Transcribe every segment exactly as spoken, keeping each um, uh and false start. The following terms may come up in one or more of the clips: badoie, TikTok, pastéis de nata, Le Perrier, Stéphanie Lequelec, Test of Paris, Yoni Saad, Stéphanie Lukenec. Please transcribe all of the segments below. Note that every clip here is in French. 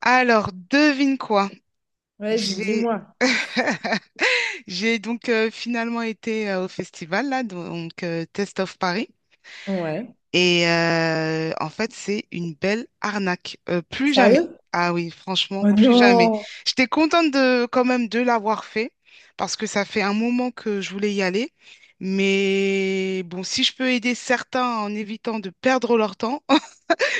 Alors, devine quoi? Vas-y, J'ai dis-moi. J'ai donc euh, finalement été euh, au festival là, donc euh, Test of Paris. Ouais. Et euh, en fait, c'est une belle arnaque. Euh, plus jamais. Sérieux? Ah oui, franchement, Oh plus jamais. non! J'étais contente de quand même de l'avoir fait parce que ça fait un moment que je voulais y aller. Mais bon, si je peux aider certains en évitant de perdre leur temps,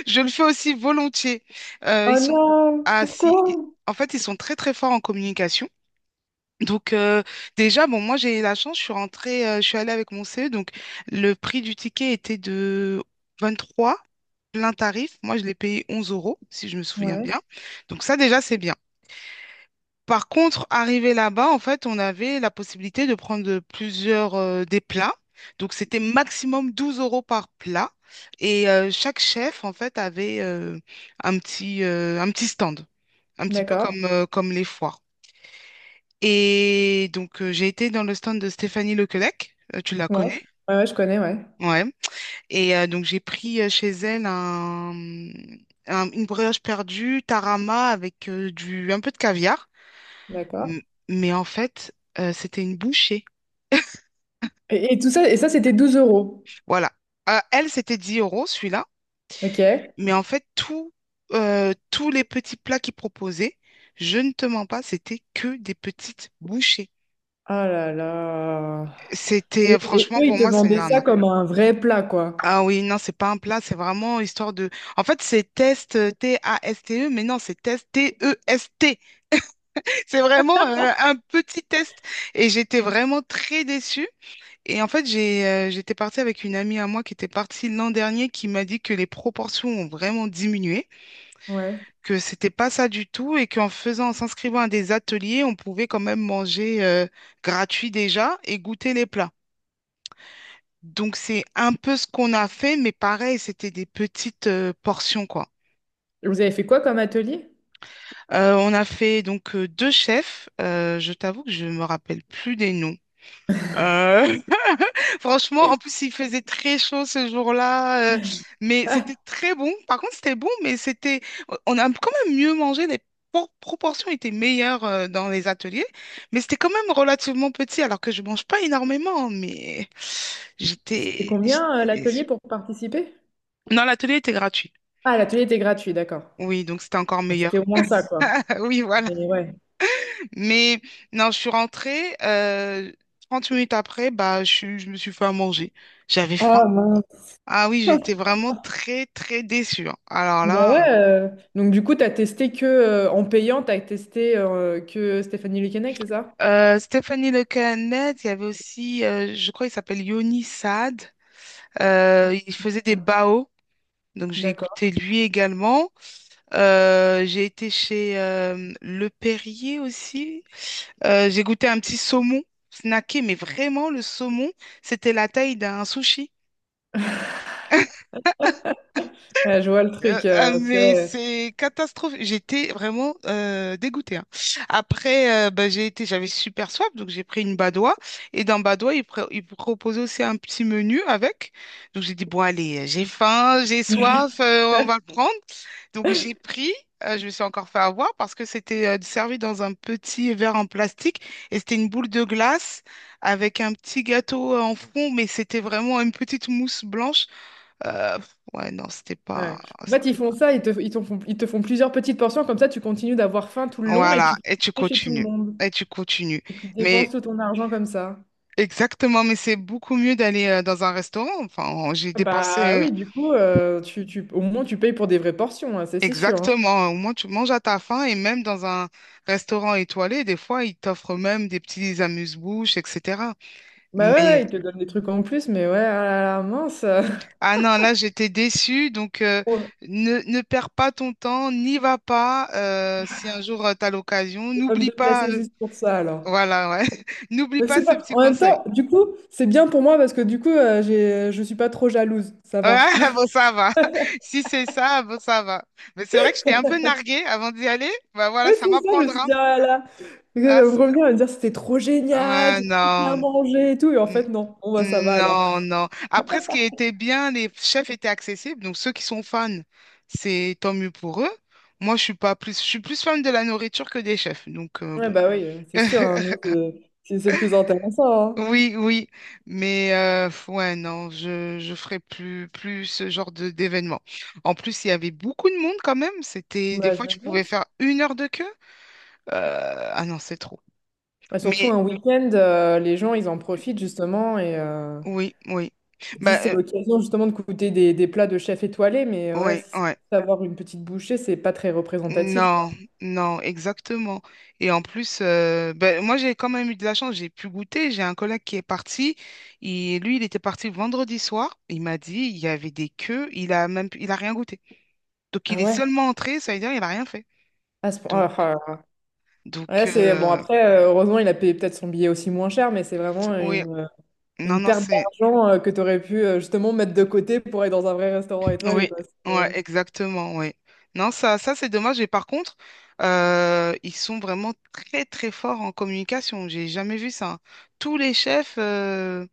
je le fais aussi volontiers. Euh, ils Oh sont non! ah, si, i- Pourquoi? En fait, ils sont très très forts en communication. Donc euh, Déjà, bon, moi j'ai eu la chance, je suis rentrée, euh, je suis allée avec mon C E, donc le prix du ticket était de vingt-trois, plein tarif. Moi, je l'ai payé onze euros, si je me souviens Ouais. bien. Donc ça déjà, c'est bien. Par contre, arrivé là-bas, en fait, on avait la possibilité de prendre plusieurs euh, des plats. Donc, c'était maximum douze euros par plat. Et euh, chaque chef, en fait, avait euh, un petit, euh, un petit stand, un petit peu D'accord. comme, euh, comme les foires. Et donc, euh, j'ai été dans le stand de Stéphanie Lequelec. Euh, tu la Ouais. connais? Ouais, ouais, je connais, ouais. Ouais. Et euh, donc, j'ai pris euh, chez elle un, un- une brioche perdue, tarama avec euh, du, un peu de caviar. D'accord. M- Mais en fait, euh, c'était une bouchée. Et, et tout ça, et ça, c'était douze euros. Voilà. Euh, elle, c'était dix euros, celui-là. Ok. Mais en fait, tout, euh, tous les petits plats qu'ils proposaient, je ne te mens pas, c'était que des petites bouchées. Ah là là. C'était, Et, et Franchement, eux, ils pour te moi, c'est une vendaient ça arnaque. comme un vrai plat, quoi. Ah oui, non, c'est pas un plat, c'est vraiment histoire de. En fait, c'est test euh, T A S T E, mais non, c'est test T E S T. C'est vraiment euh, un petit test. Et j'étais vraiment très déçue. Et en fait, j'ai, euh, j'étais partie avec une amie à moi qui était partie l'an dernier qui m'a dit que les proportions ont vraiment diminué, Ouais. que c'était pas ça du tout et qu'en faisant, en s'inscrivant à des ateliers, on pouvait quand même manger euh, gratuit déjà et goûter les plats. Donc c'est un peu ce qu'on a fait, mais pareil, c'était des petites euh, portions quoi. Et vous avez fait quoi comme atelier? Euh, on a fait donc euh, deux chefs. Euh, je t'avoue que je me rappelle plus des noms. Euh, Franchement, en plus, il faisait très chaud ce jour-là, euh, mais c'était Ah, très bon. Par contre, c'était bon, mais c'était, on a quand même mieux mangé, les por- proportions étaient meilleures euh, dans les ateliers, mais c'était quand même relativement petit, alors que je mange pas énormément, mais c'était j'étais, combien, euh, j'étais l'atelier déçue. pour participer? Non, l'atelier était gratuit. Ah, l'atelier était gratuit, d'accord. Oui, donc c'était encore Bon, c'était au meilleur. moins ça, quoi. Oui, voilà. Mais ouais. Mais non, je suis rentrée, euh, trente minutes après, bah, je, suis- je me suis fait à manger. J'avais faim. Ah mince. Ah oui, j'étais vraiment très, très déçue, hein. Alors là, Bah ouais, euh, donc du coup, t'as testé que euh, en payant, t'as testé euh, que Stéphanie Lukenec, c'est ça? euh, Stéphanie Lecannet, il y avait aussi, euh, je crois, il s'appelle Yoni Saad. Euh, il faisait des bao, donc j'ai goûté D'accord. lui également. Euh, j'ai été chez euh, Le Perrier aussi. Euh, j'ai goûté un petit saumon snacké, mais vraiment, le saumon, c'était la taille d'un sushi. Ouais, je vois le Euh, truc, Ah, euh, c'est mais vrai. c'est catastrophique. J'étais vraiment euh, dégoûtée, hein. Après, euh, bah, j'ai été, j'avais super soif, donc j'ai pris une badoie. Et dans badoie, ils, pro- ils proposaient aussi un petit menu avec. Donc j'ai dit, bon, allez, j'ai faim, j'ai soif, euh, on va le prendre. Donc j'ai pris, euh, je me suis encore fait avoir parce que c'était euh, servi dans un petit verre en plastique et c'était une boule de glace avec un petit gâteau euh, en fond, mais c'était vraiment une petite mousse blanche. Euh, ouais, non, c'était pas, Ouais. En fait, ils c'était font pas. ça, ils te, ils t'en font, ils te font plusieurs petites portions, comme ça, tu continues d'avoir faim tout le long et Voilà, tu et tu fais chez tout le continues. monde. Et tu continues. Et tu dépenses Mais tout ton argent comme ça. exactement, mais c'est beaucoup mieux d'aller euh, dans un restaurant. Enfin, j'ai Bah dépensé oui, du coup, euh, tu, tu, au moins, tu payes pour des vraies portions, hein, c'est c'est sûr, hein. exactement. Au moins, tu manges à ta faim et même dans un restaurant étoilé, des fois, ils t'offrent même des petits amuse-bouches, et cetera. Bah ouais, Mais, ouais, ils te donnent des trucs en plus, mais ouais, ah là là, mince. ah non, là, j'étais déçue. Donc, euh, Bon, ne, ne perds pas ton temps, n'y va pas. Euh, si un jour, tu as l'occasion, je vais pas me n'oublie pas. déplacer euh, juste pour ça alors. Voilà, ouais. N'oublie Mais pas c'est ce pas... petit En même conseil. temps, du coup, c'est bien pour moi parce que du coup, euh, j'ai... Je suis pas trop jalouse, ça Ouais, va. bon, ça va. Si c'est ça, bon, ça va. Mais c'est vrai que j'étais un peu narguée avant d'y aller. Bah Oui, voilà, ça c'est ça, je me suis m'apprendra. dit, ah là là. Elle Ah, va me c- revenir et me dire, c'était trop génial, ouais, j'ai trop non, bien mangé et tout. Et en N- fait, non, bon, bah, ça va alors. non, non. Après, ce qui était bien, les chefs étaient accessibles. Donc, ceux qui sont fans, c'est tant mieux pour eux. Moi, je suis pas plus, je suis plus fan de la nourriture que des chefs. Donc, euh, Ouais, bon. bah oui, euh, c'est sûr, hein, non, c'est c'est- c'est le plus intéressant, hein. Oui, oui, mais euh, f- ouais, non, je je ferai plus plus ce genre de d'événement. En plus, il y avait beaucoup de monde quand même. C'était des Bah, je fois, me tu pouvais doute. faire une heure de queue. Euh, ah non, c'est trop. Bah, surtout Mais un week-end, euh, les gens, ils en profitent justement et euh, oui, oui, ils bah disent, c'est euh, l'occasion justement de goûter des, des plats de chef étoilé, mais euh, ouais, oui, si c'est ouais. juste avoir une petite bouchée, c'est pas très représentatif, quoi. Non, non, exactement. Et en plus, euh, bah, moi, j'ai quand même eu de la chance. J'ai pu goûter. J'ai un collègue qui est parti. Il, lui, il était parti vendredi soir. Il m'a dit, il y avait des queues. Il a même, pu- il a rien goûté. Donc Ah il est ouais? seulement entré, ça veut dire il a rien fait. À ce Donc, point- ah, ah. Ouais, donc c'est bon. euh, Après, euh, heureusement, il a payé peut-être son billet aussi moins cher, mais c'est vraiment oui, une, euh, non, une non, perte c'est. d'argent euh, que tu aurais pu euh, justement mettre de côté pour aller dans un vrai restaurant Oui, étoilé, quoi. C'est, ouais, euh. exactement, oui. Non, ça, ça c'est dommage. Et par contre, euh, ils sont vraiment très, très forts en communication. J'ai jamais vu ça. Tous les chefs euh,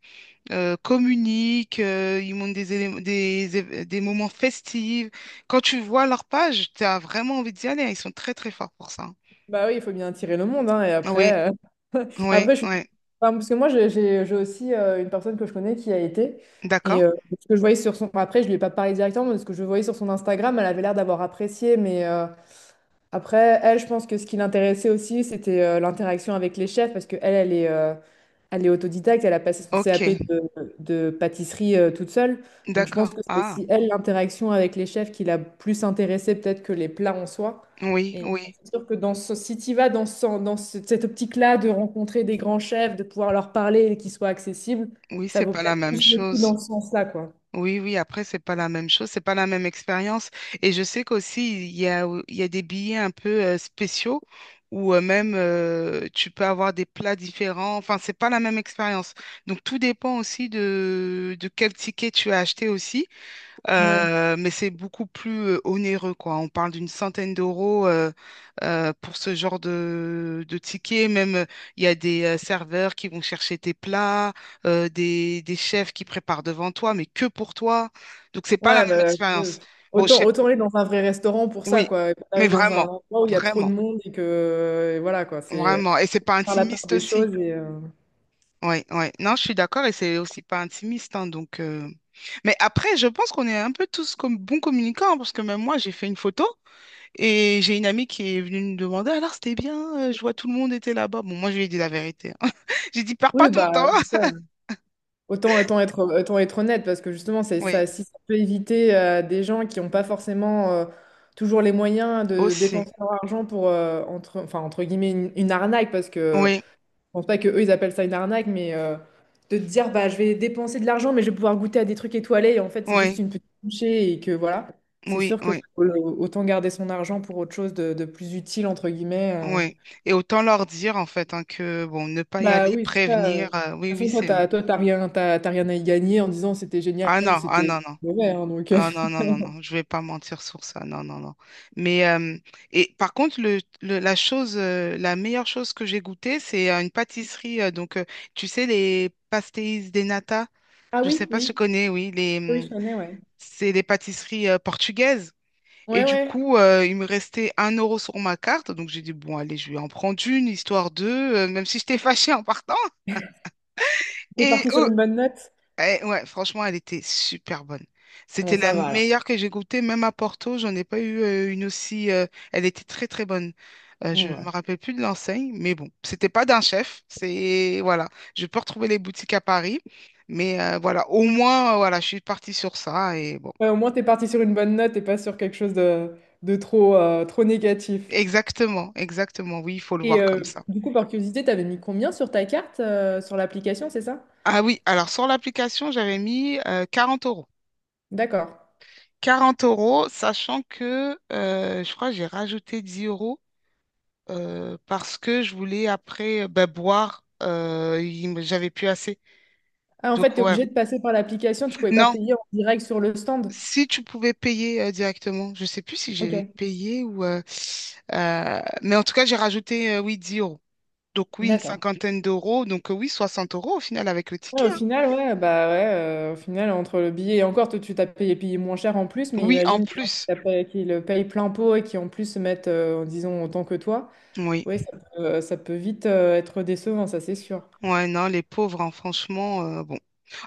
euh, communiquent, euh, ils montrent des, élé- des, év- des moments festifs. Quand tu vois leur page, tu as vraiment envie d'y aller, hein. Ils sont très, très forts pour ça. Bah oui, il faut bien attirer le monde, hein, et Oui, après, euh, oui, après je suis- oui. enfin, parce que moi, j'ai j'ai- j'ai aussi euh, une personne que je connais qui a été, D'accord. et euh, ce que je voyais sur son... Après, je lui ai pas parlé directement, mais ce que je voyais sur son Instagram, elle avait l'air d'avoir apprécié, mais euh, après, elle, je pense que ce qui l'intéressait aussi, c'était euh, l'interaction avec les chefs, parce que elle, elle est... euh, Elle est autodidacte, elle a passé son Ok, C A P de, de pâtisserie euh, toute seule. Donc je pense d'accord. que c'est Ah, aussi elle, l'interaction avec les chefs, qui l'a plus intéressée peut-être que les plats en soi. oui, Et oui. c'est sûr que dans ce, si tu vas dans, ce- dans ce- cette optique-là de rencontrer des grands chefs, de pouvoir leur parler et qu'ils soient accessibles, Oui, ça c'est vaut pas la peut-être même plus le coup chose. dans ce sens-là, quoi. Oui, oui, après, c'est pas la même chose, c'est pas la même expérience. Et je sais qu'aussi, il y a, il y a des billets un peu euh, spéciaux où euh, même euh, tu peux avoir des plats différents. Enfin, c'est pas la même expérience. Donc, tout dépend aussi de, de quel ticket tu as acheté aussi. Ouais. Euh, mais c'est beaucoup plus euh, onéreux, quoi. On parle d'une centaine d'euros euh, euh, pour ce genre de, de ticket. Même, euh, il y a des euh, serveurs qui vont chercher tes plats, euh, des, des chefs qui préparent devant toi, mais que pour toi. Donc, c'est pas la Ouais, même bah, euh, expérience. Bon, je autant, sais, autant aller dans un vrai restaurant pour ça, oui, quoi. Et pas mais aller dans un vraiment, endroit où il y a trop de vraiment, monde et que, euh, et voilà, quoi. C'est euh, vraiment. Et c'est pas faire la part intimiste des aussi. choses et... euh. Oui, oui. Non, je suis d'accord, et c'est aussi pas intimiste, hein, donc. Euh, mais après, je pense qu'on est un peu tous comme bons communicants, hein, parce que même moi, j'ai fait une photo. Et j'ai une amie qui est venue me demander, alors c'était bien, euh, je vois tout le monde était là-bas. Bon, moi je lui ai dit la vérité, hein. J'ai dit, perds pas Oui, ton temps. bah, ouais. Autant, autant être, autant être honnête, parce que justement, c'est Oui, ça, si ça peut éviter euh, des gens qui n'ont pas forcément euh, toujours les moyens de aussi. dépenser leur argent pour, euh, entre, enfin, entre guillemets, une, une arnaque, parce que Oui, je pense pas que eux ils appellent ça une arnaque, mais euh, de te dire, bah, je vais dépenser de l'argent, mais je vais pouvoir goûter à des trucs étoilés, et en fait, c'est juste oui, une petite bouchée, et que voilà, c'est oui, sûr que ça oui, vaut le- autant garder son argent pour autre chose de, de plus utile, entre guillemets, euh. oui. Et autant leur dire en fait hein, que bon, ne pas y Bah aller, oui, c'est ça, euh. De prévenir, toute euh, oui, oui, façon, toi, c'est mieux. t'as, toi, t'as rien, t'as, t'as rien à y gagner en disant c'était génial Ah ou non, ah c'était non, non. mauvais, hein, donc, euh. Non, non, non, non, non, je vais pas mentir sur ça, non, non, non. Mais, euh, et par contre, le, le- la chose, euh, la meilleure chose que j'ai goûtée, c'est euh, une pâtisserie, euh, donc, euh, tu sais, les pastéis de nata, Ah Je oui, sais pas si tu oui, connais, oui, les, oui, je hum, connais, ouais. c'est les pâtisseries euh, portugaises. Et Ouais, du ouais. coup, euh, il me restait un euro sur ma carte. Donc, j'ai dit, bon, allez, je vais en prendre une, histoire de, euh, même si j'étais fâchée en partant. T'es Et parti sur euh, une bonne note? eh, ouais, franchement, elle était super bonne. Bon, C'était la ça va alors. meilleure que j'ai goûtée, même à Porto, j'en ai pas eu euh, une aussi. Euh, elle était très, très bonne. Euh, je Bon, me ouais. rappelle plus de l'enseigne, mais bon, c'était pas d'un chef. C'est, voilà, je peux retrouver les boutiques à Paris. Mais euh, voilà, au moins, euh, voilà, je suis partie sur ça et bon. Ouais, au moins, t'es parti sur une bonne note et pas sur quelque chose de, de trop, euh, trop négatif. Exactement, exactement. Oui, il faut le Et voir euh, comme ça. du coup, par curiosité, t'avais mis combien sur ta carte, euh, sur l'application, c'est ça? Ah oui, alors sur l'application, j'avais mis euh, quarante euros. D'accord. Quarante euros, sachant que euh, je crois que j'ai rajouté dix euros euh, parce que je voulais après euh, ben, boire. Euh, il me- j'avais plus assez. Ah, en fait, Donc t'es ouais. obligé de passer par l'application, tu pouvais pas Non, payer en direct sur le stand. si tu pouvais payer euh, directement, je sais plus si j'avais Ok. payé ou. Euh, euh, mais en tout cas, j'ai rajouté euh, oui, dix euros. Donc oui, une D'accord. cinquantaine d'euros. Donc euh, oui, soixante euros au final avec le Ouais, ticket, au hein. final, ouais, bah ouais, euh, au final, entre le billet et encore, toi, tu t'as payé, payé moins cher en plus, mais Oui, en imagine les gens qui, plus. t'as payé- qui le payent plein pot et qui en plus se mettent, euh, disons, autant que toi. Oui. Ouais, ça peut, ça peut vite euh, être décevant, ça c'est sûr. Ouais, non, les pauvres, hein, franchement, euh, bon.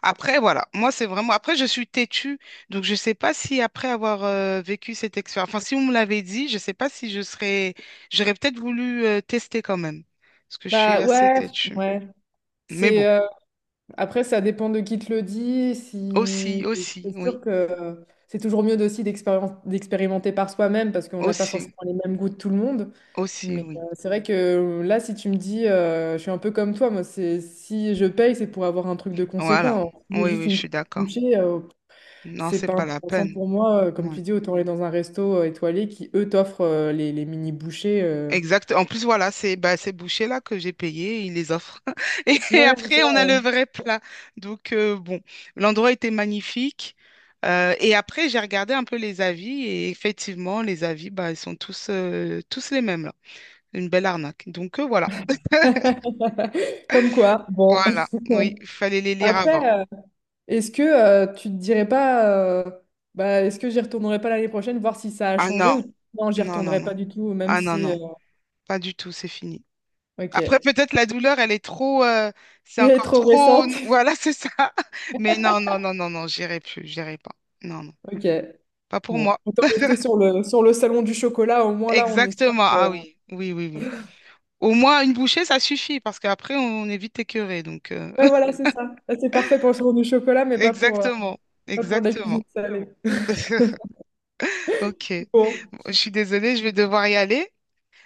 Après, voilà, moi, c'est vraiment. Après, je suis têtue, donc je sais pas si après avoir euh, vécu cette expérience, enfin, si on me l'avait dit, je sais pas si je serais. J'aurais peut-être voulu euh, tester quand même, parce que je suis Bah assez ouais, têtue. ouais. Mais bon, C'est, euh. Après, ça dépend de qui te le dit. aussi, Si... aussi, C'est oui, sûr que c'est toujours mieux de- aussi d'expérien- d'expérimenter par soi-même parce qu'on n'a pas aussi, forcément les mêmes goûts de tout le monde. aussi, Mais euh, oui. c'est vrai que euh, là, si tu me dis, euh, je suis un peu comme toi, moi, c'est si je paye, c'est pour avoir un truc de conséquent. Voilà, Alors, si j'ai oui, juste oui, je une suis petite d'accord. bouchée, euh, Non, c'est c'est pas pas la intéressant peine. pour moi. Euh, Comme Ouais. tu dis, autant aller dans un resto euh, étoilé qui, eux, t'offrent euh, les, les mini bouchées, euh. Exact. En plus, voilà, c'est bah, ces bouchées-là que j'ai payées, ils les offrent. Et Ouais, c'est après, on a le ça. vrai plat. Donc, euh, bon, l'endroit était magnifique. Euh, et après, j'ai regardé un peu les avis et effectivement, les avis, bah, ils sont tous, euh, tous les mêmes, là. Une belle arnaque. Donc, euh, voilà. Comme quoi, bon. Voilà. Oui, il fallait les lire avant. Après, euh, est-ce que euh, tu te dirais pas, euh, bah, est-ce que j'y retournerai pas l'année prochaine, voir si ça a Ah changé non, ou non, j'y non, non, retournerai non. pas du tout, même Ah non, si, euh. non. Pas du tout, c'est fini. Ok. Après, Elle peut-être la douleur, elle est trop, euh, c'est est encore trop trop, récente. voilà, c'est ça. Mais non, non, non, non, non, j'irai plus, j'irai pas. Non, non, Ok. pas pour Bon. moi. Autant rester sur le, sur le salon du chocolat, au moins là, on est sûr Exactement. Ah que. oui, oui, oui, oui. Au moins une bouchée, ça suffit parce qu'après, on est vite écœuré. Donc, euh, Ouais, voilà, c'est ça. Là, c'est parfait pour le salon du chocolat, mais pas pour, euh, exactement, pas pour de la exactement. cuisine salée. Ok. Bon. Bon, je suis désolée, je vais devoir y aller.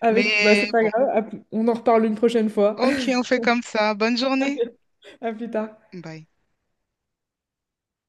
Avec... Bah, Mais c'est pas bon, grave. À plus- On en reparle une prochaine fois. ok, on fait comme ça. Bonne journée. À plus tard. Bye.